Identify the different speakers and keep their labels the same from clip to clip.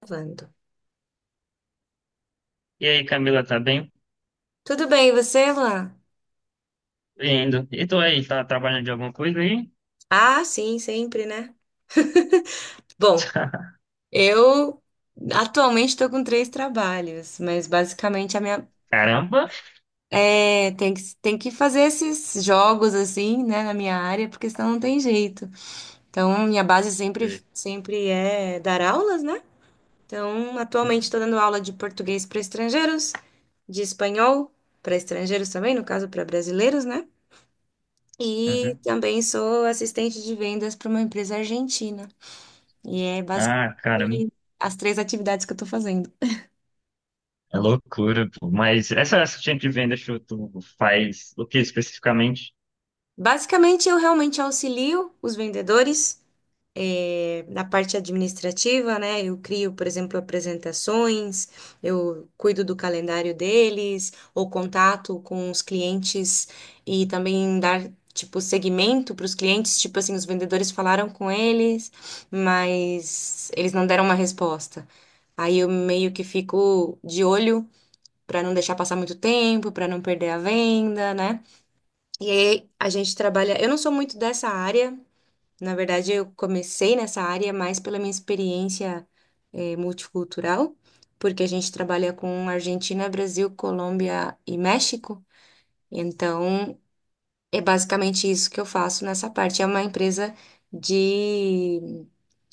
Speaker 1: Gravando.
Speaker 2: E aí, Camila, tá bem?
Speaker 1: Tudo bem, e você, Luan?
Speaker 2: Indo. E tu aí, tá trabalhando de alguma coisa aí?
Speaker 1: Ah, sim, sempre, né? Bom, eu atualmente estou com três trabalhos, mas basicamente a minha
Speaker 2: Caramba!
Speaker 1: é, tem que fazer esses jogos assim, né, na minha área, porque senão não tem jeito. Então, minha base sempre é dar aulas, né? Então, atualmente estou dando aula de português para estrangeiros, de espanhol para estrangeiros também, no caso para brasileiros, né? E
Speaker 2: Uhum.
Speaker 1: também sou assistente de vendas para uma empresa argentina. E é
Speaker 2: Ah, caramba.
Speaker 1: basicamente as três atividades que eu estou fazendo.
Speaker 2: É loucura, pô. Mas essa assistente de venda, show, tu faz o que especificamente?
Speaker 1: Basicamente, eu realmente auxilio os vendedores na parte administrativa, né? Eu crio, por exemplo, apresentações, eu cuido do calendário deles, ou contato com os clientes e também dar, tipo, segmento para os clientes. Tipo assim, os vendedores falaram com eles, mas eles não deram uma resposta. Aí eu meio que fico de olho para não deixar passar muito tempo, para não perder a venda, né? E aí a gente trabalha. Eu não sou muito dessa área, na verdade, eu comecei nessa área mais pela minha experiência multicultural, porque a gente trabalha com Argentina, Brasil, Colômbia e México. Então, é basicamente isso que eu faço nessa parte. É uma empresa de.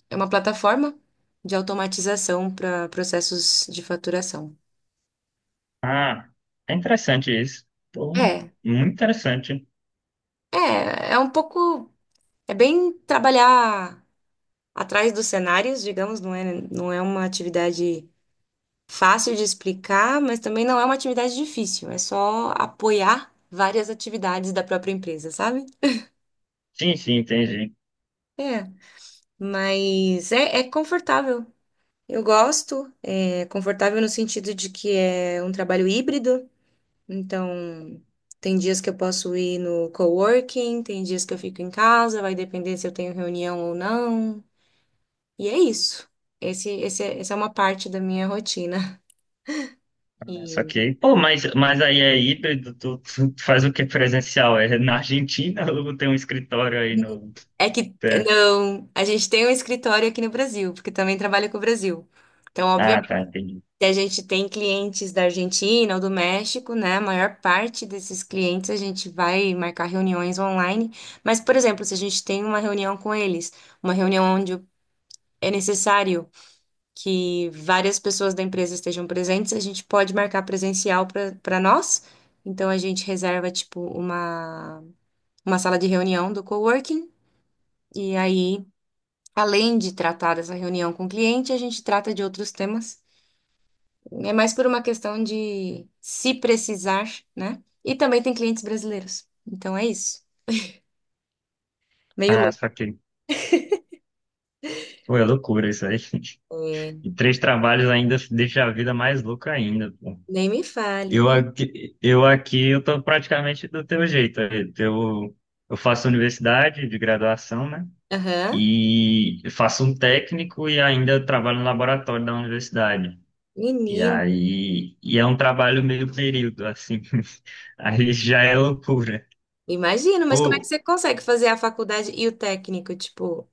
Speaker 1: É uma plataforma de automatização para processos de faturação.
Speaker 2: Ah, é interessante isso. Pô,
Speaker 1: É,
Speaker 2: muito interessante.
Speaker 1: é, é um pouco. É bem trabalhar atrás dos cenários, digamos, não é uma atividade fácil de explicar, mas também não é uma atividade difícil, é só apoiar várias atividades da própria empresa, sabe?
Speaker 2: Sim, sim, entendi.
Speaker 1: É, mas é confortável. Eu gosto, é confortável no sentido de que é um trabalho híbrido, então tem dias que eu posso ir no coworking, tem dias que eu fico em casa, vai depender se eu tenho reunião ou não. E é isso. Essa é uma parte da minha rotina.
Speaker 2: Só
Speaker 1: E
Speaker 2: que, pô, mas aí é híbrido, tu faz o que presencial? É na Argentina ou tem um escritório aí no...
Speaker 1: é que,
Speaker 2: É.
Speaker 1: não, a gente tem um escritório aqui no Brasil, porque também trabalha com o Brasil. Então,
Speaker 2: Ah,
Speaker 1: obviamente,
Speaker 2: tá, entendi.
Speaker 1: a gente tem clientes da Argentina ou do México, né? A maior parte desses clientes a gente vai marcar reuniões online. Mas, por exemplo, se a gente tem uma reunião com eles, uma reunião onde é necessário que várias pessoas da empresa estejam presentes, a gente pode marcar presencial para nós. Então a gente reserva tipo uma sala de reunião do coworking e aí, além de tratar dessa reunião com o cliente, a gente trata de outros temas. É mais por uma questão de se precisar, né? E também tem clientes brasileiros. Então é isso. Meio
Speaker 2: Ah,
Speaker 1: louco.
Speaker 2: só que. Pô, é loucura isso aí.
Speaker 1: É,
Speaker 2: E três trabalhos ainda deixa a vida mais louca ainda, pô.
Speaker 1: nem me
Speaker 2: Eu
Speaker 1: fale.
Speaker 2: aqui, eu aqui, eu tô praticamente do teu jeito. Eu, eu faço universidade de graduação, né?
Speaker 1: Aham.
Speaker 2: E faço um técnico e ainda trabalho no laboratório da universidade. E
Speaker 1: Menino,
Speaker 2: aí, e é um trabalho meio período, assim. Aí já é loucura.
Speaker 1: imagino, mas como é que
Speaker 2: Pô,
Speaker 1: você consegue fazer a faculdade e o técnico, tipo,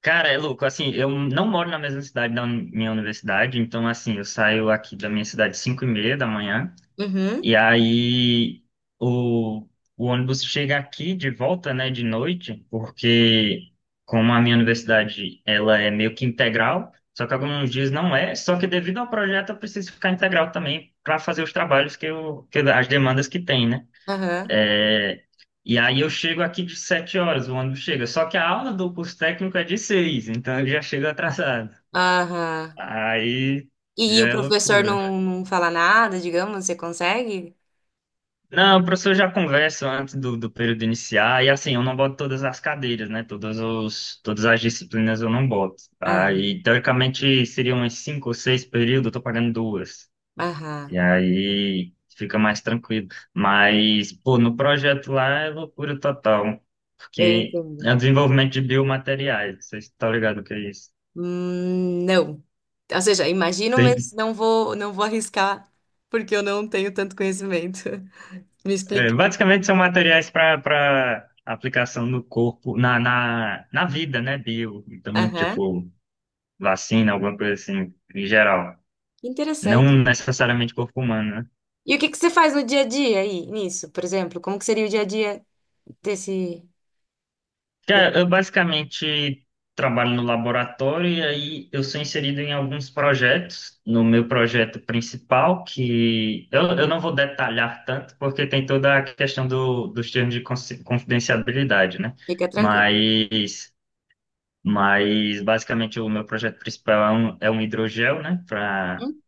Speaker 2: cara, é louco, assim, eu não moro na mesma cidade da minha universidade, então, assim, eu saio aqui da minha cidade às 5 e meia da manhã,
Speaker 1: uhum,
Speaker 2: e aí o, o ônibus chega aqui de volta, né, de noite, porque como a minha universidade, ela é meio que integral, só que alguns dias não é, só que devido ao projeto eu preciso ficar integral também para fazer os trabalhos as demandas que tem, né?
Speaker 1: aham,
Speaker 2: É, e aí eu chego aqui de sete horas, o ônibus chega. Só que a aula do curso técnico é de seis, então eu já chego atrasado.
Speaker 1: aham.
Speaker 2: Aí já
Speaker 1: E o
Speaker 2: é
Speaker 1: professor
Speaker 2: loucura.
Speaker 1: não fala nada, digamos, você consegue?
Speaker 2: Não, o professor já conversa antes do período iniciar, e assim, eu não boto todas as cadeiras, né? Todas as disciplinas eu não boto.
Speaker 1: Aham,
Speaker 2: Aí, teoricamente, seriam uns cinco ou seis períodos, eu tô pagando duas. E
Speaker 1: aham,
Speaker 2: aí fica mais tranquilo. Mas, pô, no projeto lá é loucura total,
Speaker 1: eu
Speaker 2: porque
Speaker 1: entendo.
Speaker 2: é o desenvolvimento de biomateriais, vocês estão ligados o que é isso?
Speaker 1: Não. Ou seja, imagino,
Speaker 2: Tem,
Speaker 1: mas não vou arriscar, porque eu não tenho tanto conhecimento. Me
Speaker 2: é,
Speaker 1: explica.
Speaker 2: basicamente são materiais para aplicação no corpo, na vida, né, bio. Então,
Speaker 1: Aham,
Speaker 2: tipo, vacina, alguma coisa assim, em geral.
Speaker 1: que
Speaker 2: Não
Speaker 1: interessante.
Speaker 2: necessariamente corpo humano, né?
Speaker 1: E o que que você faz no dia a dia aí, nisso, por exemplo? Como que seria o dia a dia desse... de-
Speaker 2: Cara, eu basicamente trabalho no laboratório e aí eu sou inserido em alguns projetos. No meu projeto principal, eu não vou detalhar tanto, porque tem toda a questão dos termos de confidencialidade, né?
Speaker 1: Fica tranquilo.
Speaker 2: Mas, mas basicamente o meu projeto principal é é um hidrogel, né? Para
Speaker 1: Uhum,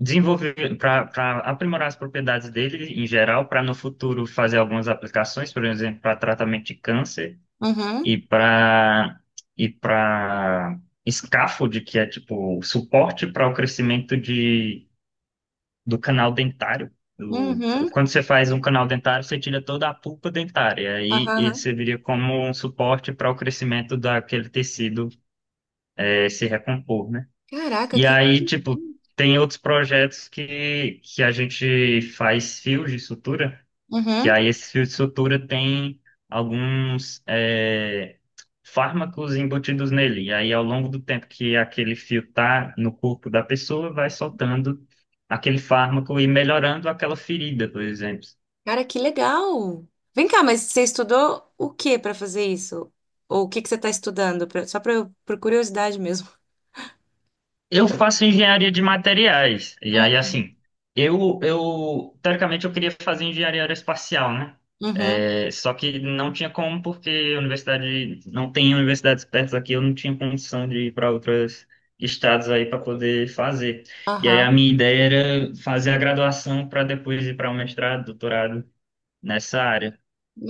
Speaker 2: desenvolver, para aprimorar as propriedades dele em geral, para no futuro fazer algumas aplicações, por exemplo, para tratamento de câncer
Speaker 1: uhum,
Speaker 2: e para e para scaffold, que é tipo suporte para o crescimento do canal dentário. Do-
Speaker 1: uhum,
Speaker 2: Quando você faz um canal dentário, você tira toda a pulpa dentária, aí
Speaker 1: aham.
Speaker 2: ele
Speaker 1: Aham.
Speaker 2: serviria como um suporte para o crescimento daquele tecido se recompor, né?
Speaker 1: Caraca,
Speaker 2: E
Speaker 1: que...
Speaker 2: aí, tipo, tem outros projetos que a gente faz fios de sutura que
Speaker 1: Uhum.
Speaker 2: aí esse fio de sutura tem alguns fármacos embutidos nele. E aí, ao longo do tempo que aquele fio tá no corpo da pessoa, vai soltando aquele fármaco e melhorando aquela ferida, por exemplo.
Speaker 1: Cara, que legal! Vem cá, mas você estudou o que para fazer isso? Ou o que que você está estudando? Só pra, por curiosidade mesmo.
Speaker 2: Eu faço engenharia de materiais. E aí,
Speaker 1: Uhum.
Speaker 2: assim, eu teoricamente eu queria fazer engenharia aeroespacial, né?
Speaker 1: Uhum.
Speaker 2: É, só que não tinha como, porque a universidade não tem universidades perto aqui, eu não tinha condição de ir para outros estados aí para poder fazer. E aí a
Speaker 1: Aham.
Speaker 2: minha ideia era fazer a graduação para depois ir para o mestrado, doutorado nessa área.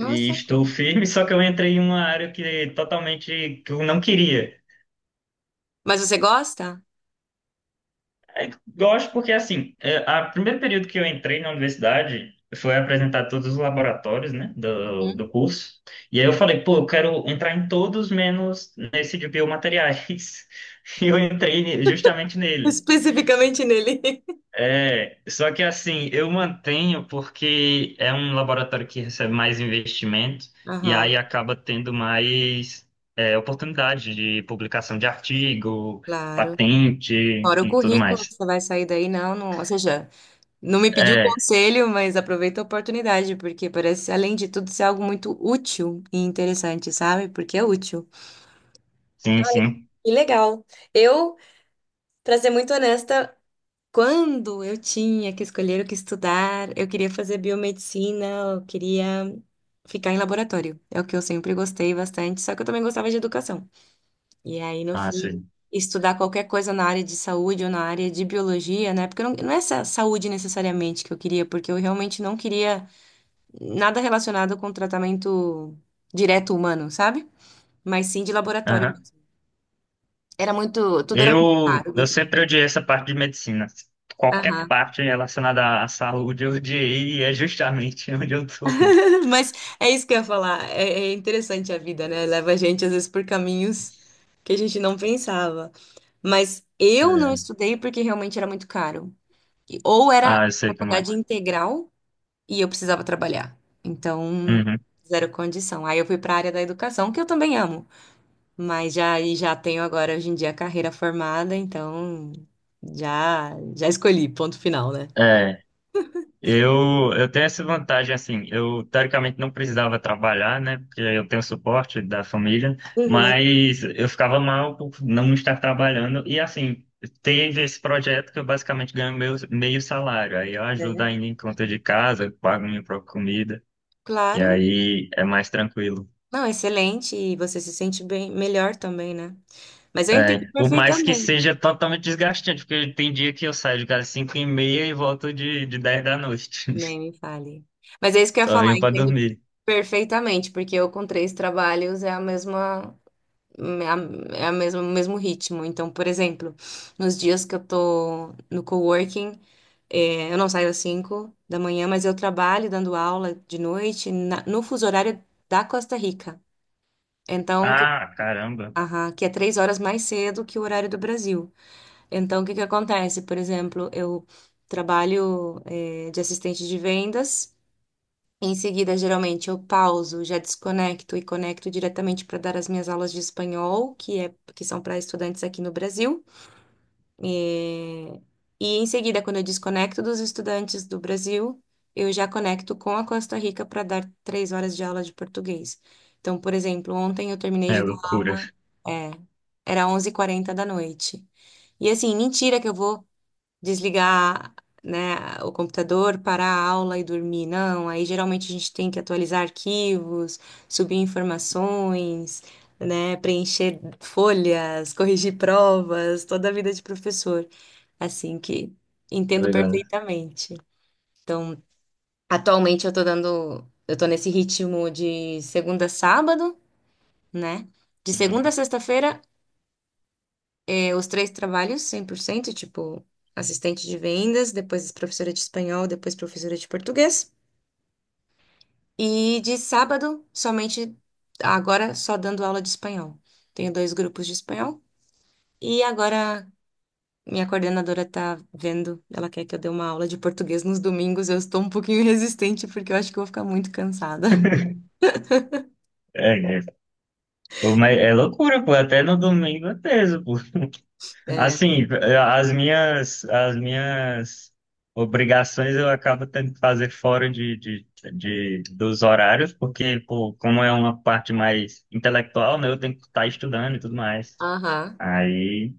Speaker 2: E estou
Speaker 1: cara.
Speaker 2: firme, só que eu entrei em uma área que é totalmente que eu não queria.
Speaker 1: Mas você gosta?
Speaker 2: É, gosto porque, assim, é, a primeiro período que eu entrei na universidade foi apresentar todos os laboratórios, né,
Speaker 1: Uhum.
Speaker 2: do curso. E aí eu falei, pô, eu quero entrar em todos menos nesse de biomateriais. E eu
Speaker 1: Uhum.
Speaker 2: entrei justamente nele.
Speaker 1: Especificamente nele.
Speaker 2: É, só que, assim, eu mantenho porque é um laboratório que recebe mais investimento e aí
Speaker 1: Aham,
Speaker 2: acaba tendo mais, é, oportunidade de publicação de artigo,
Speaker 1: claro.
Speaker 2: patente
Speaker 1: Fora o
Speaker 2: e tudo
Speaker 1: currículo que
Speaker 2: mais.
Speaker 1: você vai sair daí, não, não. Ou seja, não me pediu
Speaker 2: É,
Speaker 1: conselho, mas aproveita a oportunidade, porque parece, além de tudo, ser algo muito útil e interessante, sabe? Porque é útil.
Speaker 2: sim, sim.
Speaker 1: Que legal. Eu, pra ser muito honesta, quando eu tinha que escolher o que estudar, eu queria fazer biomedicina, eu queria ficar em laboratório. É o que eu sempre gostei bastante, só que eu também gostava de educação. E aí, no
Speaker 2: Ah,
Speaker 1: fim,
Speaker 2: sim.
Speaker 1: estudar qualquer coisa na área de saúde ou na área de biologia, né? Porque não é essa saúde necessariamente que eu queria, porque eu realmente não queria nada relacionado com tratamento direto humano, sabe? Mas sim de laboratório
Speaker 2: Aham.
Speaker 1: mesmo. Era muito, tudo era muito caro,
Speaker 2: Eu
Speaker 1: muito
Speaker 2: sempre
Speaker 1: difícil.
Speaker 2: odiei essa parte de medicina. Qualquer parte relacionada à saúde eu odiei e é justamente onde eu tô.
Speaker 1: Mas é isso que eu ia falar. É, é interessante a vida, né? Leva a gente, às vezes, por caminhos que a gente não pensava. Mas eu não
Speaker 2: É.
Speaker 1: estudei porque realmente era muito caro. Ou era
Speaker 2: Ah, eu sei como é.
Speaker 1: faculdade integral e eu precisava trabalhar. Então,
Speaker 2: Uhum.
Speaker 1: zero condição. Aí eu fui para a área da educação, que eu também amo. E já tenho agora, hoje em dia, a carreira formada. Então, já, já escolhi, ponto final, né?
Speaker 2: É, eu tenho essa vantagem, assim, eu teoricamente não precisava trabalhar, né, porque eu tenho suporte da família,
Speaker 1: Uhum,
Speaker 2: mas eu ficava mal por não estar trabalhando, e assim, teve esse projeto que eu basicamente ganho meu meio salário, aí eu ajudo
Speaker 1: né?
Speaker 2: ainda em conta de casa, pago minha própria comida. E
Speaker 1: Claro.
Speaker 2: aí é mais tranquilo.
Speaker 1: Não, excelente, e você se sente bem, melhor também, né? Mas eu
Speaker 2: É,
Speaker 1: entendo
Speaker 2: por mais que
Speaker 1: perfeitamente,
Speaker 2: seja totalmente desgastante, porque tem dia que eu saio de casa 5 e meia e volto de 10 da noite.
Speaker 1: nem me fale. Mas é isso que eu ia
Speaker 2: Só
Speaker 1: falar,
Speaker 2: venho
Speaker 1: eu
Speaker 2: pra
Speaker 1: entendo
Speaker 2: dormir.
Speaker 1: perfeitamente, porque eu com três trabalhos o mesmo ritmo. Então, por exemplo, nos dias que eu tô no coworking, é, eu não saio às 5 da manhã, mas eu trabalho dando aula de noite no fuso horário da Costa Rica. Então, que-
Speaker 2: Ah, caramba.
Speaker 1: aham, que é 3 horas mais cedo que o horário do Brasil. Então, o que que acontece? Por exemplo, eu trabalho, de assistente de vendas. Em seguida, geralmente, eu pauso, já desconecto e conecto diretamente para dar as minhas aulas de espanhol, que é, que são para estudantes aqui no Brasil. Eh, E, em seguida, quando eu desconecto dos estudantes do Brasil, eu já conecto com a Costa Rica para dar 3 horas de aula de português. Então, por exemplo, ontem eu terminei
Speaker 2: É
Speaker 1: de dar
Speaker 2: loucura.
Speaker 1: aula, é, era 11h40 da noite. E assim, mentira que eu vou desligar, né, o computador, parar a aula e dormir. Não, aí geralmente a gente tem que atualizar arquivos, subir informações, né, preencher folhas, corrigir provas, toda a vida de professor, assim que
Speaker 2: Tá
Speaker 1: entendo
Speaker 2: ligado?
Speaker 1: perfeitamente. Então, atualmente eu tô nesse ritmo de segunda a sábado, né? De segunda a
Speaker 2: Uhum.
Speaker 1: sexta-feira. É. Os três trabalhos, 100%, tipo, assistente de vendas, depois professora de espanhol, depois professora de português. E de sábado, somente, agora só dando aula de espanhol. Tenho dois grupos de espanhol. E agora minha coordenadora tá vendo, ela quer que eu dê uma aula de português nos domingos. Eu estou um pouquinho resistente porque eu acho que eu vou ficar muito cansada.
Speaker 2: É, é, Pô, mas é loucura, pô. Até no domingo é teso, pô.
Speaker 1: É.
Speaker 2: Assim, as minhas obrigações eu acabo tendo que fazer fora dos horários, porque, pô, como é uma parte mais intelectual, né, eu tenho que estar estudando e tudo mais.
Speaker 1: Aham.
Speaker 2: Aí,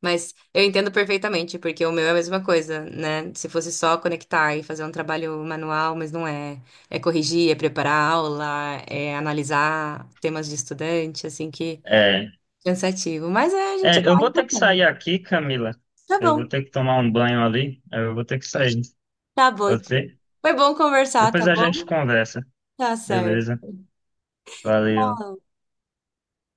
Speaker 1: Mas eu entendo perfeitamente, porque o meu é a mesma coisa, né? Se fosse só conectar e fazer um trabalho manual, mas não é. É corrigir, é preparar a aula, é analisar temas de estudante, assim que
Speaker 2: é,
Speaker 1: cansativo. Mas é, a gente
Speaker 2: eu
Speaker 1: vai
Speaker 2: vou ter que sair
Speaker 1: botando.
Speaker 2: aqui, Camila.
Speaker 1: Tá
Speaker 2: Eu
Speaker 1: bom,
Speaker 2: vou ter que tomar um banho ali. Eu vou ter que sair.
Speaker 1: tá bom
Speaker 2: Pode
Speaker 1: então.
Speaker 2: ser?
Speaker 1: Foi bom conversar, tá
Speaker 2: Depois a gente
Speaker 1: bom?
Speaker 2: conversa.
Speaker 1: Tá
Speaker 2: Beleza?
Speaker 1: certo.
Speaker 2: Valeu.